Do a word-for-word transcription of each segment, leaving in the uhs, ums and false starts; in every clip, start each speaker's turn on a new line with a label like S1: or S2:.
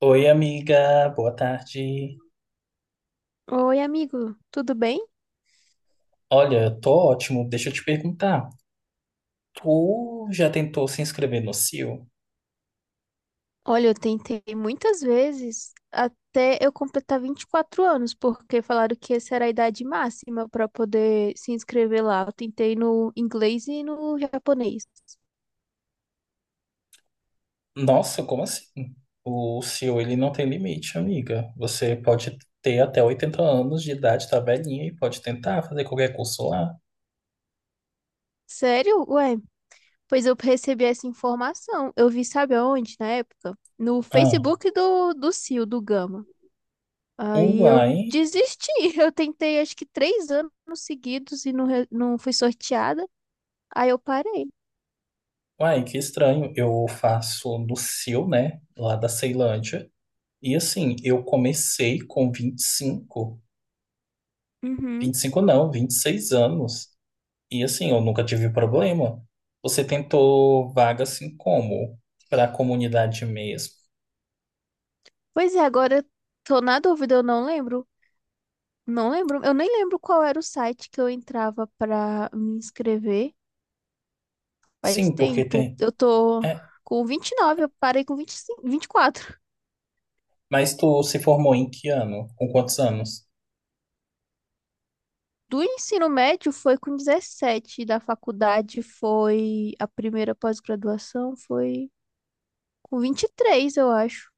S1: Oi, amiga, boa tarde.
S2: Oi, amigo, tudo bem?
S1: Olha, eu tô ótimo. Deixa eu te perguntar. Tu já tentou se inscrever no C I O?
S2: Olha, eu tentei muitas vezes até eu completar vinte e quatro anos, porque falaram que essa era a idade máxima para poder se inscrever lá. Eu tentei no inglês e no japonês.
S1: Nossa, como assim? O C I O, ele não tem limite, amiga. Você pode ter até oitenta anos de idade, tá velhinha, e pode tentar fazer qualquer curso lá.
S2: Sério? Ué, pois eu recebi essa informação. Eu vi, sabe aonde, na época? No
S1: Ah,
S2: Facebook do, do CIO, do Gama. Aí eu
S1: uai,
S2: desisti. Eu tentei acho que três anos seguidos e não, re- não fui sorteada. Aí eu parei.
S1: uai, que estranho. Eu faço no C I O, né? Lá da Ceilândia. E assim, eu comecei com vinte vinte e cinco,
S2: Uhum.
S1: vinte e cinco não, vinte e seis anos. E assim, eu nunca tive problema. Você tentou vaga assim como? Para a comunidade mesmo?
S2: Pois é, agora eu tô na dúvida, eu não lembro. Não lembro, eu nem lembro qual era o site que eu entrava pra me inscrever. Faz
S1: Sim, porque
S2: tempo.
S1: tem.
S2: Eu tô
S1: É.
S2: com vinte e nove, eu parei com vinte e cinco, vinte e quatro.
S1: Mas tu se formou em que ano? Com quantos anos?
S2: Do ensino médio foi com dezessete, da faculdade foi, a primeira pós-graduação foi com vinte e três, eu acho.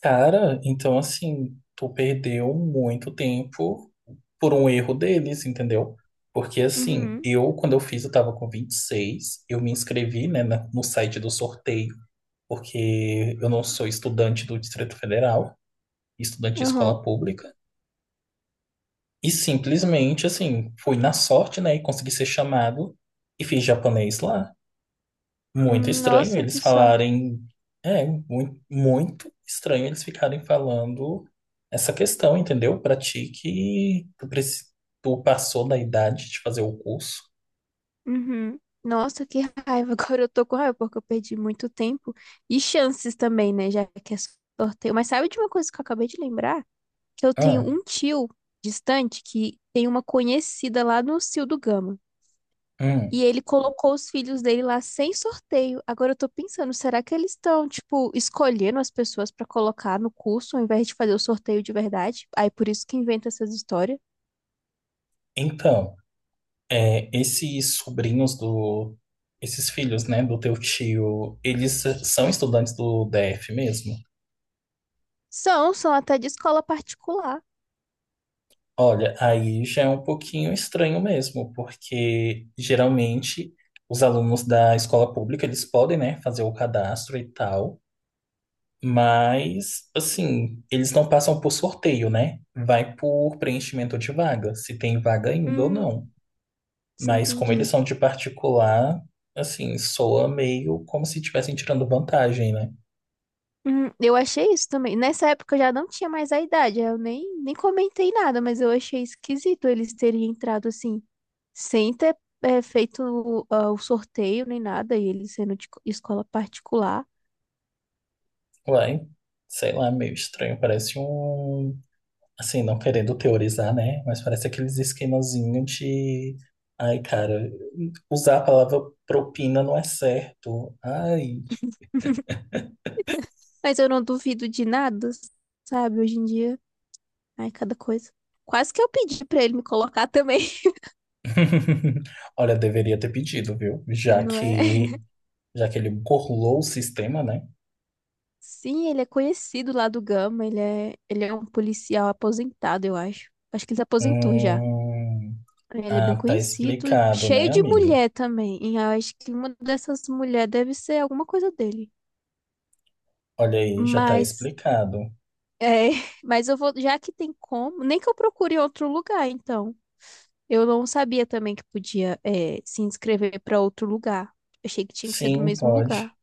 S1: Cara, então assim, tu perdeu muito tempo por um erro deles, entendeu? Porque assim,
S2: Uhum,
S1: eu, quando eu fiz, eu tava com vinte e seis eu me inscrevi, né, na- no site do sorteio, porque eu não sou estudante do Distrito Federal, estudante de
S2: aham.
S1: escola pública. E simplesmente, assim, fui na sorte, né? E consegui ser chamado e fiz japonês lá. Muito
S2: Hum,
S1: estranho
S2: nossa,
S1: eles
S2: que sorte.
S1: falarem. É, muito, muito estranho eles ficarem falando essa questão, entendeu? Pra ti que tu, preci- tu passou da idade de fazer o curso.
S2: Uhum. Nossa, que raiva. Agora eu tô com raiva porque eu perdi muito tempo e chances também, né? Já que é sorteio. Mas sabe de uma coisa que eu acabei de lembrar? Que eu tenho
S1: Ah,
S2: um tio distante que tem uma conhecida lá no CIO do Gama.
S1: hum.
S2: E ele colocou os filhos dele lá sem sorteio. Agora eu tô pensando, será que eles estão, tipo, escolhendo as pessoas pra colocar no curso ao invés de fazer o sorteio de verdade? Aí por isso que inventa essas histórias.
S1: Então, é, esses sobrinhos do. Esses filhos, né, do teu tio, eles são estudantes do D F mesmo?
S2: São, são até de escola particular.
S1: Olha, aí já é um pouquinho estranho mesmo, porque geralmente os alunos da escola pública, eles podem, né, fazer o cadastro e tal, mas assim, eles não passam por sorteio, né? Vai por preenchimento de vaga, se tem vaga ainda ou
S2: Hum,
S1: não. Mas como eles
S2: entendi.
S1: são de particular, assim, soa meio como se estivessem tirando vantagem, né?
S2: Hum, eu achei isso também. Nessa época eu já não tinha mais a idade, eu nem, nem comentei nada, mas eu achei esquisito eles terem entrado assim, sem ter é, feito o ah, o sorteio nem nada, e eles sendo de co- escola particular.
S1: Uai, sei lá, meio estranho, parece um. Assim, não querendo teorizar, né? Mas parece aqueles esquemazinhos de. Ai, cara, usar a palavra propina não é certo. Ai.
S2: Mas eu não duvido de nada, sabe? Hoje em dia, ai, cada coisa. Quase que eu pedi pra ele me colocar também,
S1: Olha, deveria ter pedido, viu? Já
S2: não é?
S1: que, já que ele burlou o sistema, né?
S2: Sim, ele é conhecido lá do Gama, ele é, ele é um policial aposentado, eu acho. Acho que ele se aposentou já.
S1: Hum,
S2: Ele é bem
S1: ah, tá
S2: conhecido e
S1: explicado, né,
S2: cheio de
S1: amiga?
S2: mulher também. E eu acho que uma dessas mulheres deve ser alguma coisa dele.
S1: Olha aí, já tá
S2: Mas,
S1: explicado.
S2: é, mas eu vou, já que tem como, nem que eu procure em outro lugar, então. Eu não sabia também que podia, é, se inscrever para outro lugar. Achei que tinha que ser do
S1: Sim,
S2: mesmo
S1: pode.
S2: lugar.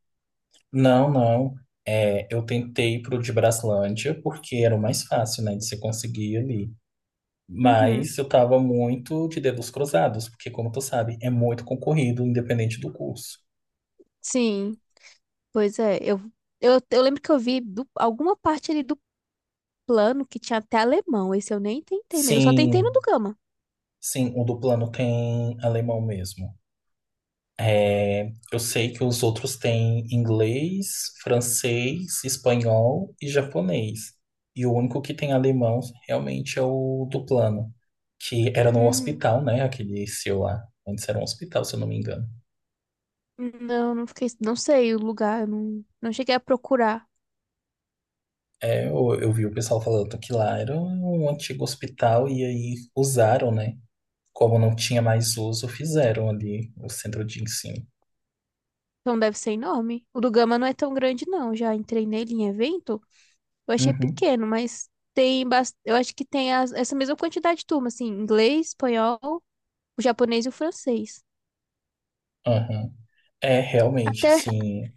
S1: Não, não. É, eu tentei pro de Braslândia porque era o mais fácil, né, de se conseguir ali.
S2: Uhum.
S1: Mas eu tava muito de dedos cruzados, porque, como tu sabe, é muito concorrido, independente do curso.
S2: Sim, pois é. Eu, eu, eu lembro que eu vi do- alguma parte ali do plano que tinha até alemão. Esse eu nem tentei mesmo. Eu só tentei no
S1: Sim,
S2: do Gama.
S1: sim, o do plano tem alemão mesmo. É, eu sei que os outros têm inglês, francês, espanhol e japonês. E o único que tem alemão realmente é o do plano, que era no hospital, né? Aquele seu lá. Antes era um hospital, se eu não me engano.
S2: Não, não fiquei, não sei o lugar, eu não, não cheguei a procurar.
S1: É, eu, eu vi o pessoal falando que lá era um antigo hospital e aí usaram, né? Como não tinha mais uso, fizeram ali o centro de ensino.
S2: Então deve ser enorme. O do Gama não é tão grande, não. Já entrei nele em evento, eu achei
S1: Uhum.
S2: pequeno, mas tem bas- eu acho que tem as- essa mesma quantidade de turma, assim, inglês, espanhol, o japonês e o francês.
S1: Aham. É, realmente,
S2: Até,
S1: assim.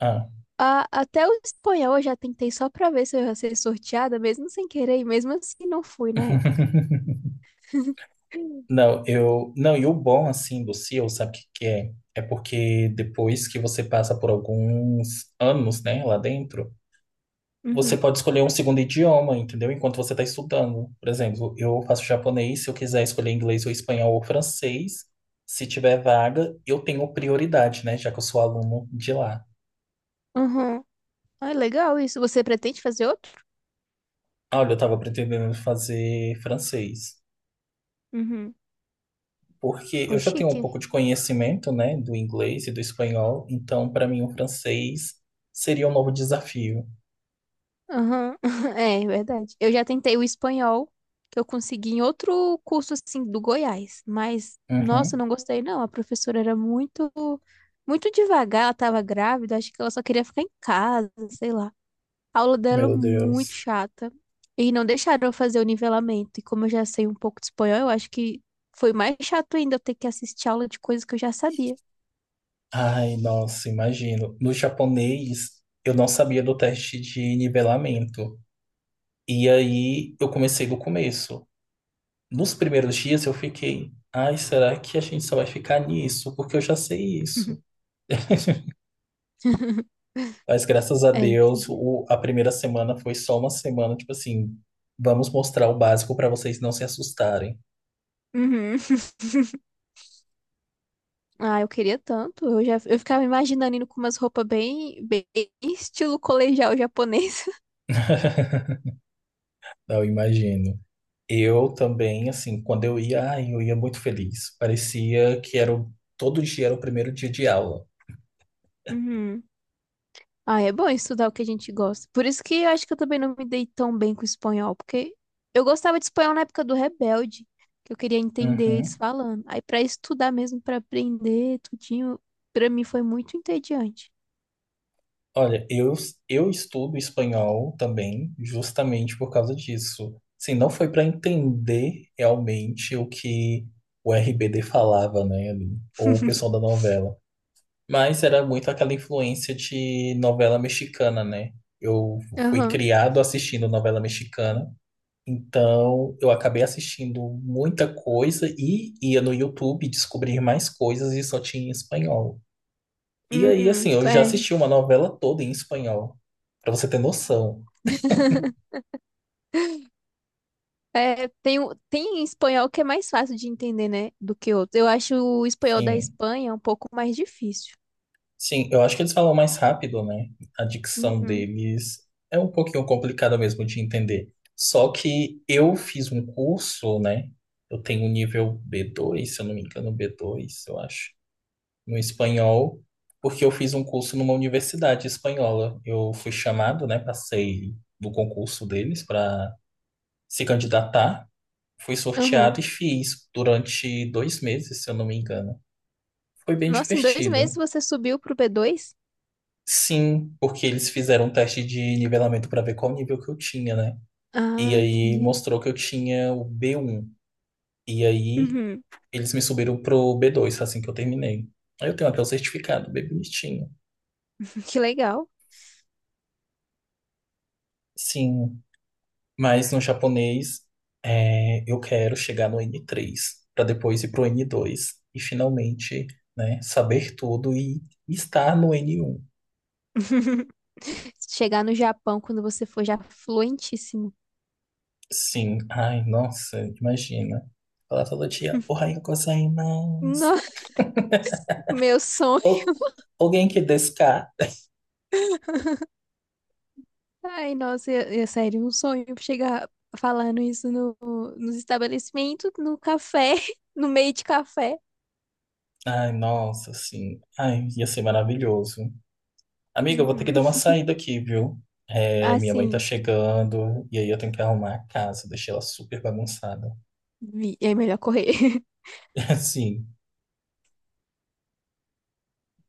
S1: Ah.
S2: a- até o espanhol eu já tentei só pra ver se eu ia ser sorteada, mesmo sem querer, e mesmo assim não fui na época.
S1: Não, eu. Não, e o bom, assim, do C I O, sabe o que que é? É porque depois que você passa por alguns anos, né, lá dentro, você
S2: Uhum.
S1: pode escolher um segundo idioma, entendeu? Enquanto você está estudando. Por exemplo, eu faço japonês, se eu quiser escolher inglês ou espanhol ou francês, se tiver vaga, eu tenho prioridade, né, já que eu sou aluno de lá.
S2: Uhum. Ah, legal isso. Você pretende fazer outro?
S1: Olha, eu estava pretendendo fazer francês,
S2: Uhum.
S1: porque eu
S2: É
S1: já tenho um
S2: chique.
S1: pouco de conhecimento, né, do inglês e do espanhol, então para mim o francês seria um novo desafio.
S2: Aham, é, é verdade. Eu já tentei o espanhol, que eu consegui em outro curso, assim, do Goiás. Mas, nossa, eu
S1: Uhum.
S2: não gostei, não. A professora era muito, muito devagar, ela tava grávida, acho que ela só queria ficar em casa, sei lá. A aula dela é
S1: Meu
S2: muito
S1: Deus.
S2: chata. E não deixaram eu fazer o nivelamento. E como eu já sei um pouco de espanhol, eu acho que foi mais chato ainda eu ter que assistir aula de coisas que eu já sabia.
S1: Ai, nossa, imagino. No japonês, eu não sabia do teste de nivelamento. E aí eu comecei do começo. Nos primeiros dias eu fiquei, ai, será que a gente só vai ficar nisso? Porque eu já sei isso. Mas graças a
S2: É,
S1: Deus,
S2: entendi.
S1: o- a primeira semana foi só uma semana, tipo assim, vamos mostrar o básico para vocês não se assustarem.
S2: Uhum. Ah, eu queria tanto. Eu já eu ficava imaginando indo com umas roupas bem, bem estilo colegial japonês.
S1: Eu imagino. Eu também, assim, quando eu ia, ai, eu ia muito feliz. Parecia que era o- todo dia era o primeiro dia de aula.
S2: Uhum. Ah, é bom estudar o que a gente gosta. Por isso que eu acho que eu também não me dei tão bem com espanhol, porque eu gostava de espanhol na época do Rebelde, que eu queria entender eles
S1: Uhum.
S2: falando. Aí pra estudar mesmo, pra aprender tudinho, pra mim foi muito entediante.
S1: Olha, eu, eu estudo espanhol também, justamente por causa disso. Assim, não foi para entender realmente o que o R B D falava, né, ali, ou o pessoal da novela. Mas era muito aquela influência de novela mexicana, né? Eu fui
S2: Aham.
S1: criado assistindo novela mexicana, então eu acabei assistindo muita coisa e ia no YouTube descobrir mais coisas e só tinha em espanhol. E aí, assim,
S2: Uhum.
S1: eu já
S2: É.
S1: assisti uma novela toda em espanhol, pra você ter noção.
S2: É, tem, o- tem espanhol que é mais fácil de entender, né, do que outro. Eu acho o espanhol da
S1: Sim.
S2: Espanha um pouco mais difícil.
S1: Sim, eu acho que eles falam mais rápido, né? A dicção
S2: Uhum.
S1: deles é um pouquinho complicada mesmo de entender. Só que eu fiz um curso, né? Eu tenho um nível b dois se eu não me engano, b dois eu acho, no espanhol, porque eu fiz um curso numa universidade espanhola. Eu fui chamado, né? Passei no concurso deles para se candidatar. Fui
S2: Uhum.
S1: sorteado e fiz durante dois meses, se eu não me engano. Foi bem
S2: Nossa, em dois meses
S1: divertido.
S2: você subiu pro b dois.
S1: Sim, porque eles fizeram um teste de nivelamento para ver qual nível que eu tinha, né? E
S2: Ah,
S1: aí
S2: entendi.
S1: mostrou que eu tinha o B um. E aí
S2: Uhum.
S1: eles me subiram pro B dois assim que eu terminei. Aí eu tenho até o certificado, bem bonitinho.
S2: Que legal.
S1: Sim, mas no japonês é, eu quero chegar no N três para depois ir pro N dois e finalmente, né, saber tudo e estar no N um.
S2: Chegar no Japão quando você for já fluentíssimo.
S1: Sim, ai, nossa, imagina. Falar todo dia, "Ohayou gozaimasu."
S2: No- Meu sonho.
S1: Ou, alguém que desca.
S2: Ai, nossa, é, é sério, um sonho chegar falando isso no, nos estabelecimentos, no café, no meio de café.
S1: Ai, nossa, assim. Ai, ia ser maravilhoso. Amiga, eu vou ter que dar
S2: Uhum.
S1: uma saída aqui, viu? É, minha mãe tá
S2: Assim.
S1: chegando e aí eu tenho que arrumar a casa, deixei ela super bagunçada.
S2: Vi, é melhor correr.
S1: Assim.